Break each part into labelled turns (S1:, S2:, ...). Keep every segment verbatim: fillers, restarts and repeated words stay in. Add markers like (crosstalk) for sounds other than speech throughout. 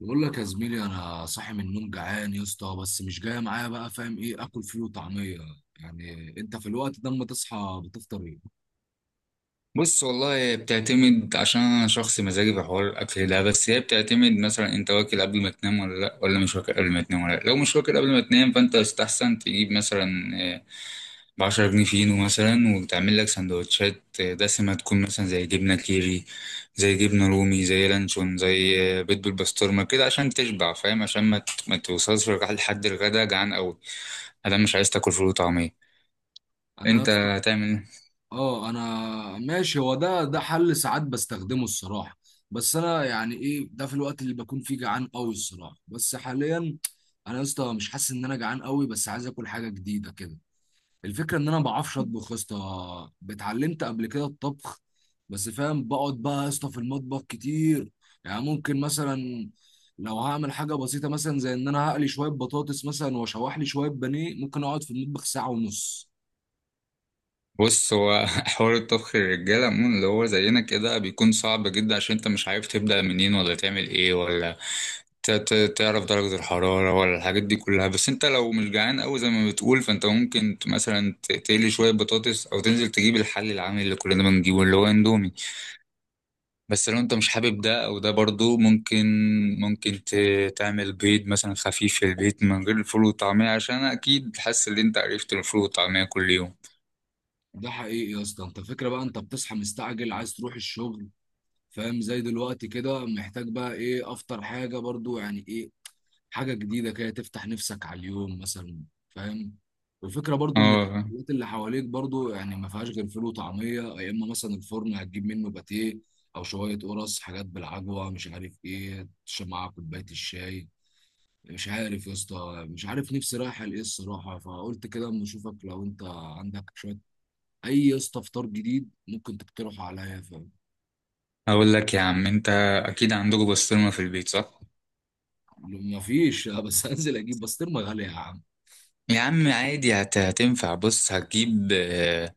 S1: بقول لك يا زميلي، انا صاحي من النوم جعان يا اسطى، بس مش جاي معايا بقى. فاهم ايه اكل؟ فيه وطعميه. يعني انت في الوقت ده اما تصحى بتفطر ايه؟
S2: بص، والله بتعتمد عشان انا شخص مزاجي في حوار الاكل ده. بس هي بتعتمد مثلا انت واكل قبل ما تنام ولا لا، ولا مش واكل قبل ما تنام ولا لا. لو مش واكل قبل ما تنام فانت يستحسن تجيب مثلا ب عشرة جنيه فينو مثلا وتعمل لك سندوتشات آه، دسمه، تكون مثلا زي جبنه كيري، زي جبنه رومي، زي لانشون، زي آه، بيض بالبسطرمه كده عشان تشبع. فاهم؟ عشان ما ت- ما توصلش لحد الغدا جعان قوي. انا مش عايز تاكل فول وطعميه.
S1: انا يا
S2: انت
S1: اسطى
S2: هتعمل إيه؟
S1: اه انا ماشي، هو ده ده حل ساعات بستخدمه الصراحه. بس انا يعني ايه ده في الوقت اللي بكون فيه جعان قوي الصراحه، بس حاليا انا يا اسطى مش حاسس ان انا جعان قوي، بس عايز اكل حاجه جديده كده. الفكرة ان انا ما بعرفش اطبخ يا اسطى، اتعلمت قبل كده الطبخ، بس فاهم بقعد بقى يا اسطى في المطبخ كتير. يعني ممكن مثلا لو هعمل حاجة بسيطة مثلا زي ان انا هقلي شوية بطاطس مثلا واشوح لي شوية بانيه ممكن اقعد في المطبخ ساعة ونص.
S2: بص، هو (laughs) حوار الطبخ للرجالة عموما اللي هو زينا كده بيكون صعب جدا عشان انت مش عارف تبدأ منين ولا تعمل ايه، ولا ت- ت- تعرف درجة الحرارة ولا الحاجات دي كلها. بس انت لو مش جعان قوي زي ما بتقول فانت ممكن ت- مثلا ت- تقلي شوية بطاطس، او تنزل تجيب الحل العامل اللي كلنا بنجيبه اللي هو اندومي. بس لو انت مش حابب ده او ده برضو ممكن، ممكن ت- تعمل بيض مثلا خفيف في البيت من غير الفول والطعمية، عشان اكيد حاسس ان انت عرفت الفول والطعمية كل يوم.
S1: ده حقيقي يا اسطى، انت فكرة بقى انت بتصحى مستعجل عايز تروح الشغل، فاهم؟ زي دلوقتي كده محتاج بقى ايه، افطر حاجة برضو، يعني ايه حاجة جديدة كده تفتح نفسك على اليوم مثلا، فاهم؟ والفكرة برضو ان
S2: اه،
S1: الحاجات اللي حواليك برضو يعني ما فيهاش غير فول وطعمية، يا اما مثلا الفرن هتجيب منه باتيه او شوية قرص حاجات بالعجوة، مش عارف ايه تشرب معاها كوباية الشاي. مش عارف يا اسطى، مش عارف نفسي رايحة لايه الصراحة، فقلت كده اما اشوفك لو انت عندك شوية اي يا اسطى فطار جديد ممكن تقترحه عليا، فاهم؟
S2: اقول لك يا عم، انت اكيد عندكم بسطرمه في البيت، صح؟
S1: ما فيش آه، بس هنزل اجيب بسطرمة غالية يا عم.
S2: يا عم عادي، هت- هتنفع. بص، هتجيب آه،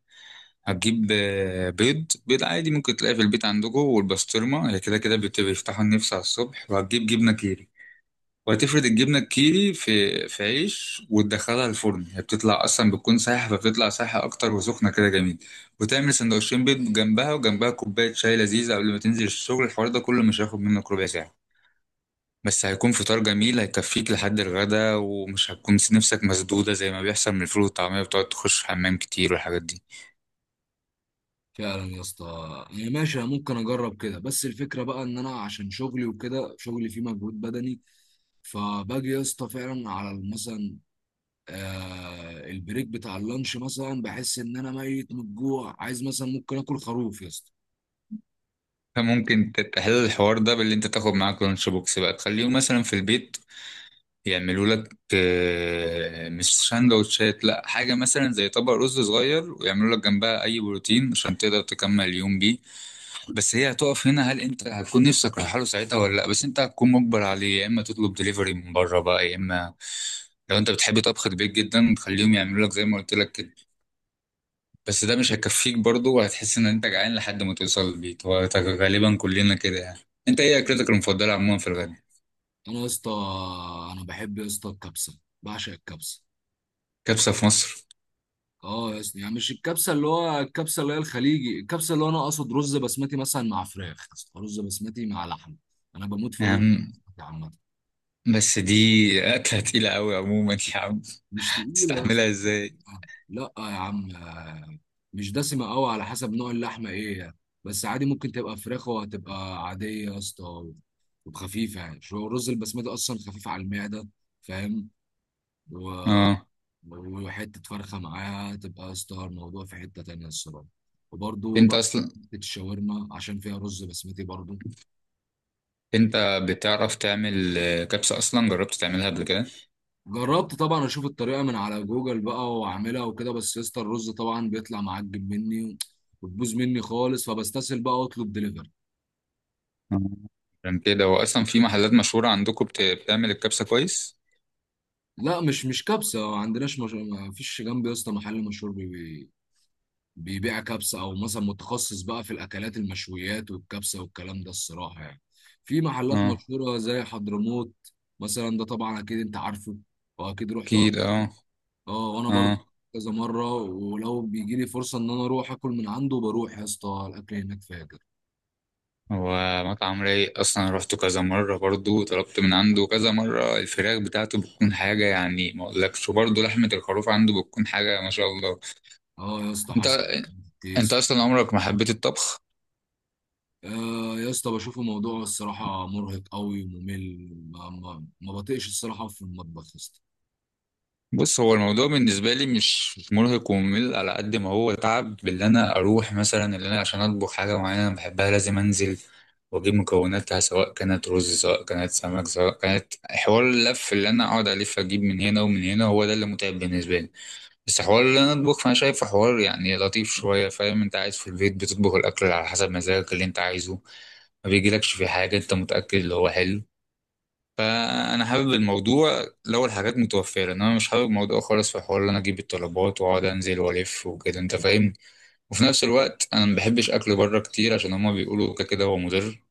S2: هتجيب آه، بيض. بيض عادي ممكن تلاقيه في البيت عندكم، والبسطرمه هي كده كده بت- بيفتحوا النفس على الصبح. وهتجيب جبنه كيري وهتفرد الجبنه الكيري في في عيش وتدخلها الفرن. هي بتطلع اصلا بتكون سايحه فبتطلع سايحه اكتر وسخنه كده جميل. وتعمل سندوتشين بيض جنبها، وجنبها كوبايه شاي لذيذه قبل ما تنزل الشغل. الحوار ده كله مش هياخد منك ربع ساعه، بس هيكون فطار جميل هيكفيك لحد الغدا، ومش هتكون نفسك مسدودة زي ما بيحصل من الفول والطعمية، بتقعد تخش حمام كتير والحاجات دي.
S1: فعلا يا اسطى، انا ماشي أنا ممكن اجرب كده، بس الفكره بقى ان انا عشان شغلي وكده شغلي فيه مجهود بدني، فباجي يا اسطى فعلا على مثلا آه البريك بتاع اللانش مثلا بحس ان انا ميت من الجوع، عايز مثلا ممكن اكل خروف يا اسطى.
S2: فممكن تحل الحوار ده باللي انت تاخد معاك لانش بوكس بقى، تخليهم مثلا في البيت يعملوا لك آه، مش سندوتشات، لا، حاجة مثلا زي طبق رز صغير، ويعملوا لك جنبها أي بروتين عشان تقدر تكمل اليوم بيه. بس هي هتقف هنا، هل انت هتكون نفسك رايحه له ساعتها ولا لا؟ بس انت هتكون مجبر عليه، يا اما تطلب دليفري من بره بقى، يا اما لو انت بتحب طبخ البيت جدا خليهم يعملوا لك زي ما قلت لك كده. بس ده مش هيكفيك برضه، وهتحس ان انت جعان لحد ما توصل البيت. هو غالبا كلنا كده يعني. انت ايه اكلتك المفضله عموما في الغدا؟
S1: انا يا اسطى انا بحب يا اسطى الكبسه، بعشق الكبسه.
S2: كبسه في مصر؟
S1: اه يا اسطى، يعني مش الكبسه اللي هو الكبسه اللي هي الخليجي، الكبسه اللي هو انا اقصد رز بسمتي مثلا مع فراخ يا اسطى، رز بسمتي مع لحم. انا بموت في
S2: يا
S1: الرز
S2: عم
S1: بسمتي عامه.
S2: بس دي اكله تقيله قوي عموما يا عم،
S1: مش تقيلة يا اسطى.
S2: تستحملها ازاي؟
S1: لا يا عم، مش دسمة قوي، على حسب نوع اللحمة ايه يعني. بس عادي ممكن تبقى فراخ وهتبقى عادية يا اسطى وخفيفة، يعني شو الرز البسمتي أصلا خفيف على المعدة، فاهم؟ و-
S2: اه.
S1: وحتة فرخة معاها تبقى يا اسطى الموضوع في حتة تانية الصراحة. وبرضه
S2: انت
S1: بقى
S2: اصلا،
S1: حتة الشاورما عشان فيها رز بسمتي برضه.
S2: انت بتعرف تعمل آه، كبسه اصلا؟ جربت تعملها قبل كده؟
S1: جربت طبعا، اشوف الطريقه من على جوجل بقى واعملها وكده، بس يا اسطى الرز طبعا بيطلع معجب مني وتبوظ مني خالص، فبستسهل بقى واطلب دليفري.
S2: عشان كده هو اصلا في محلات مشهورة عندكم بت- بتعمل الكبسة كويس.
S1: لا، مش مش كبسه ما عندناش مش، ما فيش جنبي يا اسطى محل مشهور بي بيبيع كبسه، او مثلا متخصص بقى في الاكلات المشويات والكبسه والكلام ده الصراحه يعني. في محلات
S2: اه
S1: مشهوره زي حضرموت مثلا، ده طبعا اكيد انت عارفه واكيد رحت.
S2: اكيد. اه.
S1: اه وانا برضه
S2: اه،
S1: كذا مره، ولو بيجي لي فرصه ان انا اروح اكل من عنده بروح يا اسطى، الاكل هناك فاجر.
S2: هو مطعم رايق اصلا، رحت كذا مرة برضو وطلبت من عنده كذا مرة. الفراخ بتاعته بتكون حاجة يعني ما اقولكش، وبرضو لحمة الخروف عنده بتكون حاجة ما شاء الله.
S1: اه يا اسطى
S2: انت،
S1: حسن
S2: انت
S1: تيسو.
S2: اصلا عمرك ما حبيت الطبخ؟
S1: آه يا اسطى، بشوف الموضوع الصراحه مرهق قوي وممل، ما, ما, ما بطيقش الصراحه في المطبخ يا اسطى.
S2: بص، هو الموضوع بالنسبة لي مش مش مرهق وممل، على قد ما هو تعب باللي أنا أروح مثلا، اللي أنا عشان أطبخ حاجة معينة أنا بحبها لازم أنزل وأجيب مكوناتها، سواء كانت رز، سواء كانت سمك، سواء كانت حوار اللف، اللي أنا أقعد ألف أجيب من هنا ومن هنا، هو ده اللي متعب بالنسبة لي. بس حوار اللي أنا أطبخ فأنا شايفه حوار يعني لطيف شوية. فاهم؟ أنت قاعد في البيت بتطبخ الأكل على حسب مزاجك اللي أنت عايزه، ما بيجيلكش في حاجة أنت متأكد اللي هو حلو. فانا حابب الموضوع لو الحاجات متوفره، انا مش حابب الموضوع خالص في حوار ان انا اجيب الطلبات واقعد انزل والف وكده، انت فاهمني. وفي نفس الوقت انا ما بحبش اكل بره كتير عشان هما بيقولوا كده كده هو مضر.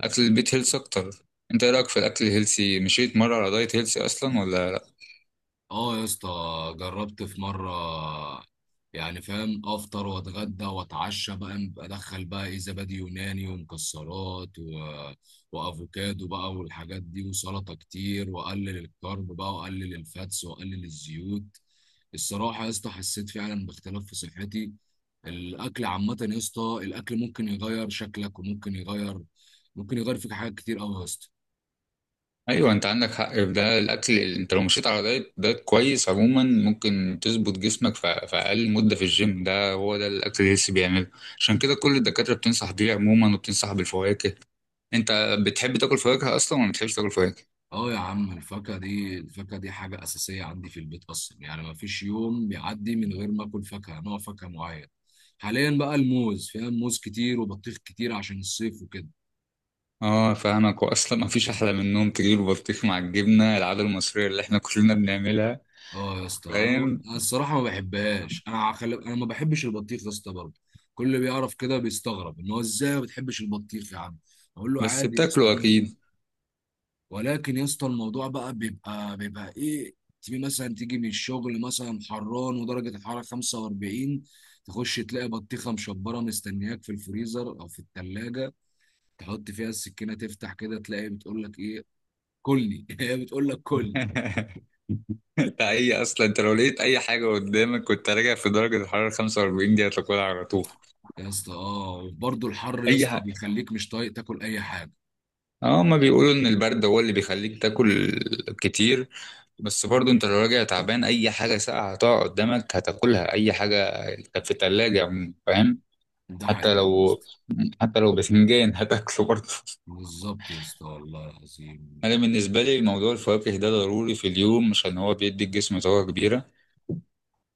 S2: اكل البيت هيلث اكتر. انت ايه رايك في الاكل الهيلثي؟ مشيت مره على دايت هيلثي اصلا ولا لا؟
S1: اه يا اسطى جربت في مرة، يعني فاهم افطر واتغدى واتعشى بقى م- ادخل بقى ايه، زبادي يوناني ومكسرات و وافوكادو بقى والحاجات دي، وسلطة كتير، واقلل الكارب بقى، واقلل الفاتس، واقلل الزيوت. الصراحة يا اسطى حسيت فعلا باختلاف في صحتي. الاكل عامة يا اسطى الاكل ممكن يغير شكلك وممكن يغير، ممكن يغير فيك حاجات كتير قوي يا اسطى.
S2: ايوه، انت عندك حق في ده. الاكل، انت لو مشيت على دايت دايت كويس عموما ممكن تظبط جسمك في في اقل مده في الجيم، ده هو ده الاكل الهيلثي بيعمله. عشان كده كل الدكاتره بتنصح بيه عموما، وبتنصح بالفواكه. انت بتحب تاكل فواكه اصلا ولا ما بتحبش تاكل فواكه؟
S1: اه يا عم الفاكهة دي، الفاكهة دي حاجة أساسية عندي في البيت أصلا، يعني ما فيش يوم بيعدي من غير ما آكل فاكهة نوع فاكهة معين. حاليا بقى الموز، فيها موز كتير وبطيخ كتير عشان الصيف وكده.
S2: اه فاهمك. واصلا ما فيش احلى من انهم تجيب البطيخ مع الجبنه العاده المصريه اللي احنا كلنا بنعملها.
S1: اه يا اسطى انا ب-
S2: فاهم.
S1: أنا الصراحه ما بحبهاش، انا خلي انا ما بحبش البطيخ يا اسطى برضه. كل اللي بيعرف كده بيستغرب ان هو ازاي ما بتحبش البطيخ يا عم، اقول له
S2: بس
S1: عادي يا اسطى
S2: بتاكله
S1: انا.
S2: اكيد.
S1: ولكن يا اسطى الموضوع بقى بيبقى بيبقى ايه، تيجي مثلا تيجي من الشغل مثلا حران، ودرجه الحراره خمسة وأربعين، تخش تلاقي بطيخه مشبره مستنياك في الفريزر او في الثلاجه، تحط فيها السكينه تفتح كده تلاقي بتقول لك ايه، كلني. (laughs) هي بتقول لك كلني
S2: (laughs) انت اي اصلا، انت لو لقيت اي حاجه قدامك كنت راجع في درجه الحراره خمسة وأربعين دي هتاكلها على طول،
S1: يا اسطى. اه، وبرضه الحر يا
S2: اي
S1: اسطى
S2: حاجه.
S1: بيخليك مش طايق تاكل اي حاجه.
S2: اه، ما بيقولوا ان البرد هو اللي بيخليك تاكل كتير. بس برضو انت لو راجع تعبان اي حاجه ساقعه هتقع قدامك هتاكلها، اي حاجه كانت في الثلاجه. فاهم.
S1: ده
S2: حتى
S1: حقيقي يا
S2: لو،
S1: اسطى،
S2: حتى لو بفنجان (laughs) هتاكله برضه.
S1: بالظبط يا اسطى والله العظيم.
S2: انا بالنسبه لي موضوع الفواكه ده ضروري في اليوم عشان هو بيدي الجسم طاقه كبيره.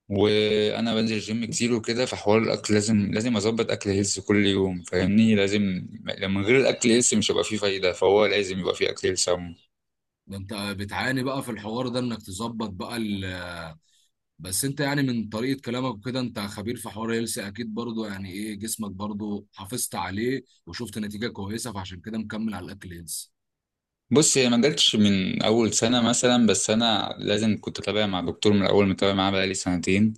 S2: وانا بنزل جيم كتير وكده، فحوار الاكل لازم لازم اظبط اكل هيلث كل يوم. فاهمني؟ لازم. من غير الاكل هيلث مش هيبقى فيه فايده، فهو لازم يبقى فيه اكل هيلث عموما.
S1: ده انت بتعاني بقى في الحوار ده انك تظبط بقى، بس انت يعني من طريقة كلامك وكده انت خبير في حوار هيلسي اكيد برضو، يعني ايه جسمك برضو حافظت عليه وشفت نتيجة كويسة، فعشان كده مكمل على الاكل هيلسي.
S2: بص، هي ما جاتش من اول سنه مثلا، بس انا لازم كنت اتابع مع دكتور من الاول، متابع معاه بقالي سنتين.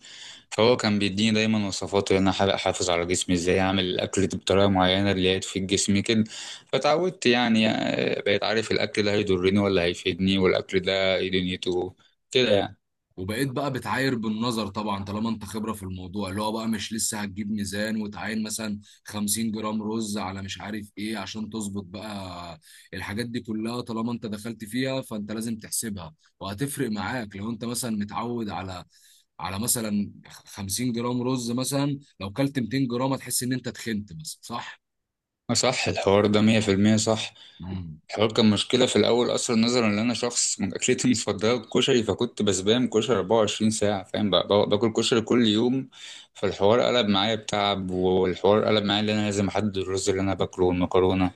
S2: هو كان بيديني دايما وصفاته ان انا أحاول احافظ على جسمي، ازاي اعمل الاكل بطريقه معينه اللي هي تفيد جسمي كده. فتعودت يعني، آه، بقيت عارف الاكل ده هيضرني ولا هيفيدني، والاكل ده ايه دنيته كده يعني.
S1: وبقيت بقى بتعاير بالنظر طبعا، طالما انت خبره في الموضوع اللي هو بقى مش لسه هتجيب ميزان وتعاين مثلا خمسين جرام رز على مش عارف ايه عشان تظبط بقى. الحاجات دي كلها طالما انت دخلت فيها فانت لازم تحسبها، وهتفرق معاك لو انت مثلا متعود على على مثلا خمسين جرام رز مثلا، لو كلت ميتين جرام هتحس ان انت تخنت مثلا، صح؟
S2: صح، الحوار ده مية في المية صح.
S1: مم.
S2: الحوار كان مشكله في الاول اصلا، نظرا ان انا شخص (laughs) من اكلتي المفضله الكشري، فكنت بسبام كشري أربعة وعشرين ساعه. فاهم؟ بقى بقى- باكل كشري كل يوم. فالحوار قلب معايا بتعب، والحوار قلب معايا ان انا لازم احدد الرز اللي انا باكله والمكرونه.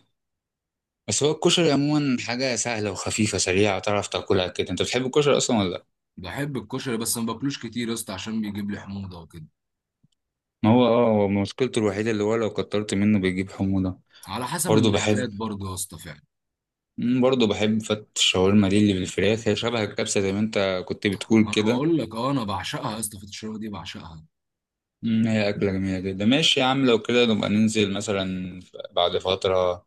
S2: بس هو الكشري عموما حاجة سهلة وخفيفة سريعة تعرف تاكلها كده. انت بتحب الكشري اصلا ولا لا؟
S1: بحب الكشري بس ما باكلوش كتير يا اسطى عشان بيجيب لي حموضه وكده.
S2: ما هو اه، هو مشكلته الوحيدة اللي هو لو كترت منه بيجيب حموضة.
S1: على حسب
S2: برضه بحب.
S1: المحلات برضه يا اسطى فعلا.
S2: مم، برضه بحب فتة الشاورما دي اللي بالفراخ، هي شبه الكبسة زي ما انت كنت بتقول
S1: ما انا
S2: كده.
S1: بقول لك اه، انا بعشقها يا اسطى الشوربه دي بعشقها.
S2: مم، هي أكلة جميلة جدا. ماشي يا عم، لو كده نبقى ننزل مثلا بعد فترة،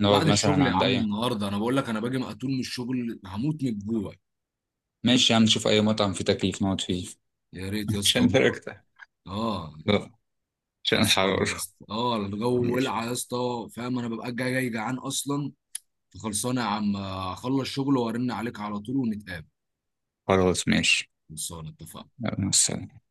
S2: نقعد
S1: بعد
S2: مثلا
S1: الشغل يا
S2: عند
S1: عم
S2: أي.
S1: النهارده، انا بقول لك انا باجي مقتول من الشغل هموت من الجوع.
S2: ماشي يا عم، نشوف أي مطعم فيه تكييف نقعد فيه.
S1: يا ريت
S2: (laughs)
S1: يا اسطى
S2: عشان
S1: والله.
S2: درجتك.
S1: اه،
S2: لا، عشان
S1: خلصانه
S2: الحرارة.
S1: يا اسطى اه، الجو
S2: ماشي.
S1: ولع يا اسطى، فاهم انا ببقى جاي جاي جعان اصلا. فخلصانه يا عم آه، اخلص شغل وارن عليك على طول ونتقابل.
S2: خلاص ماشي.
S1: خلصانه، اتفقنا.
S2: يلا، مع السلامة.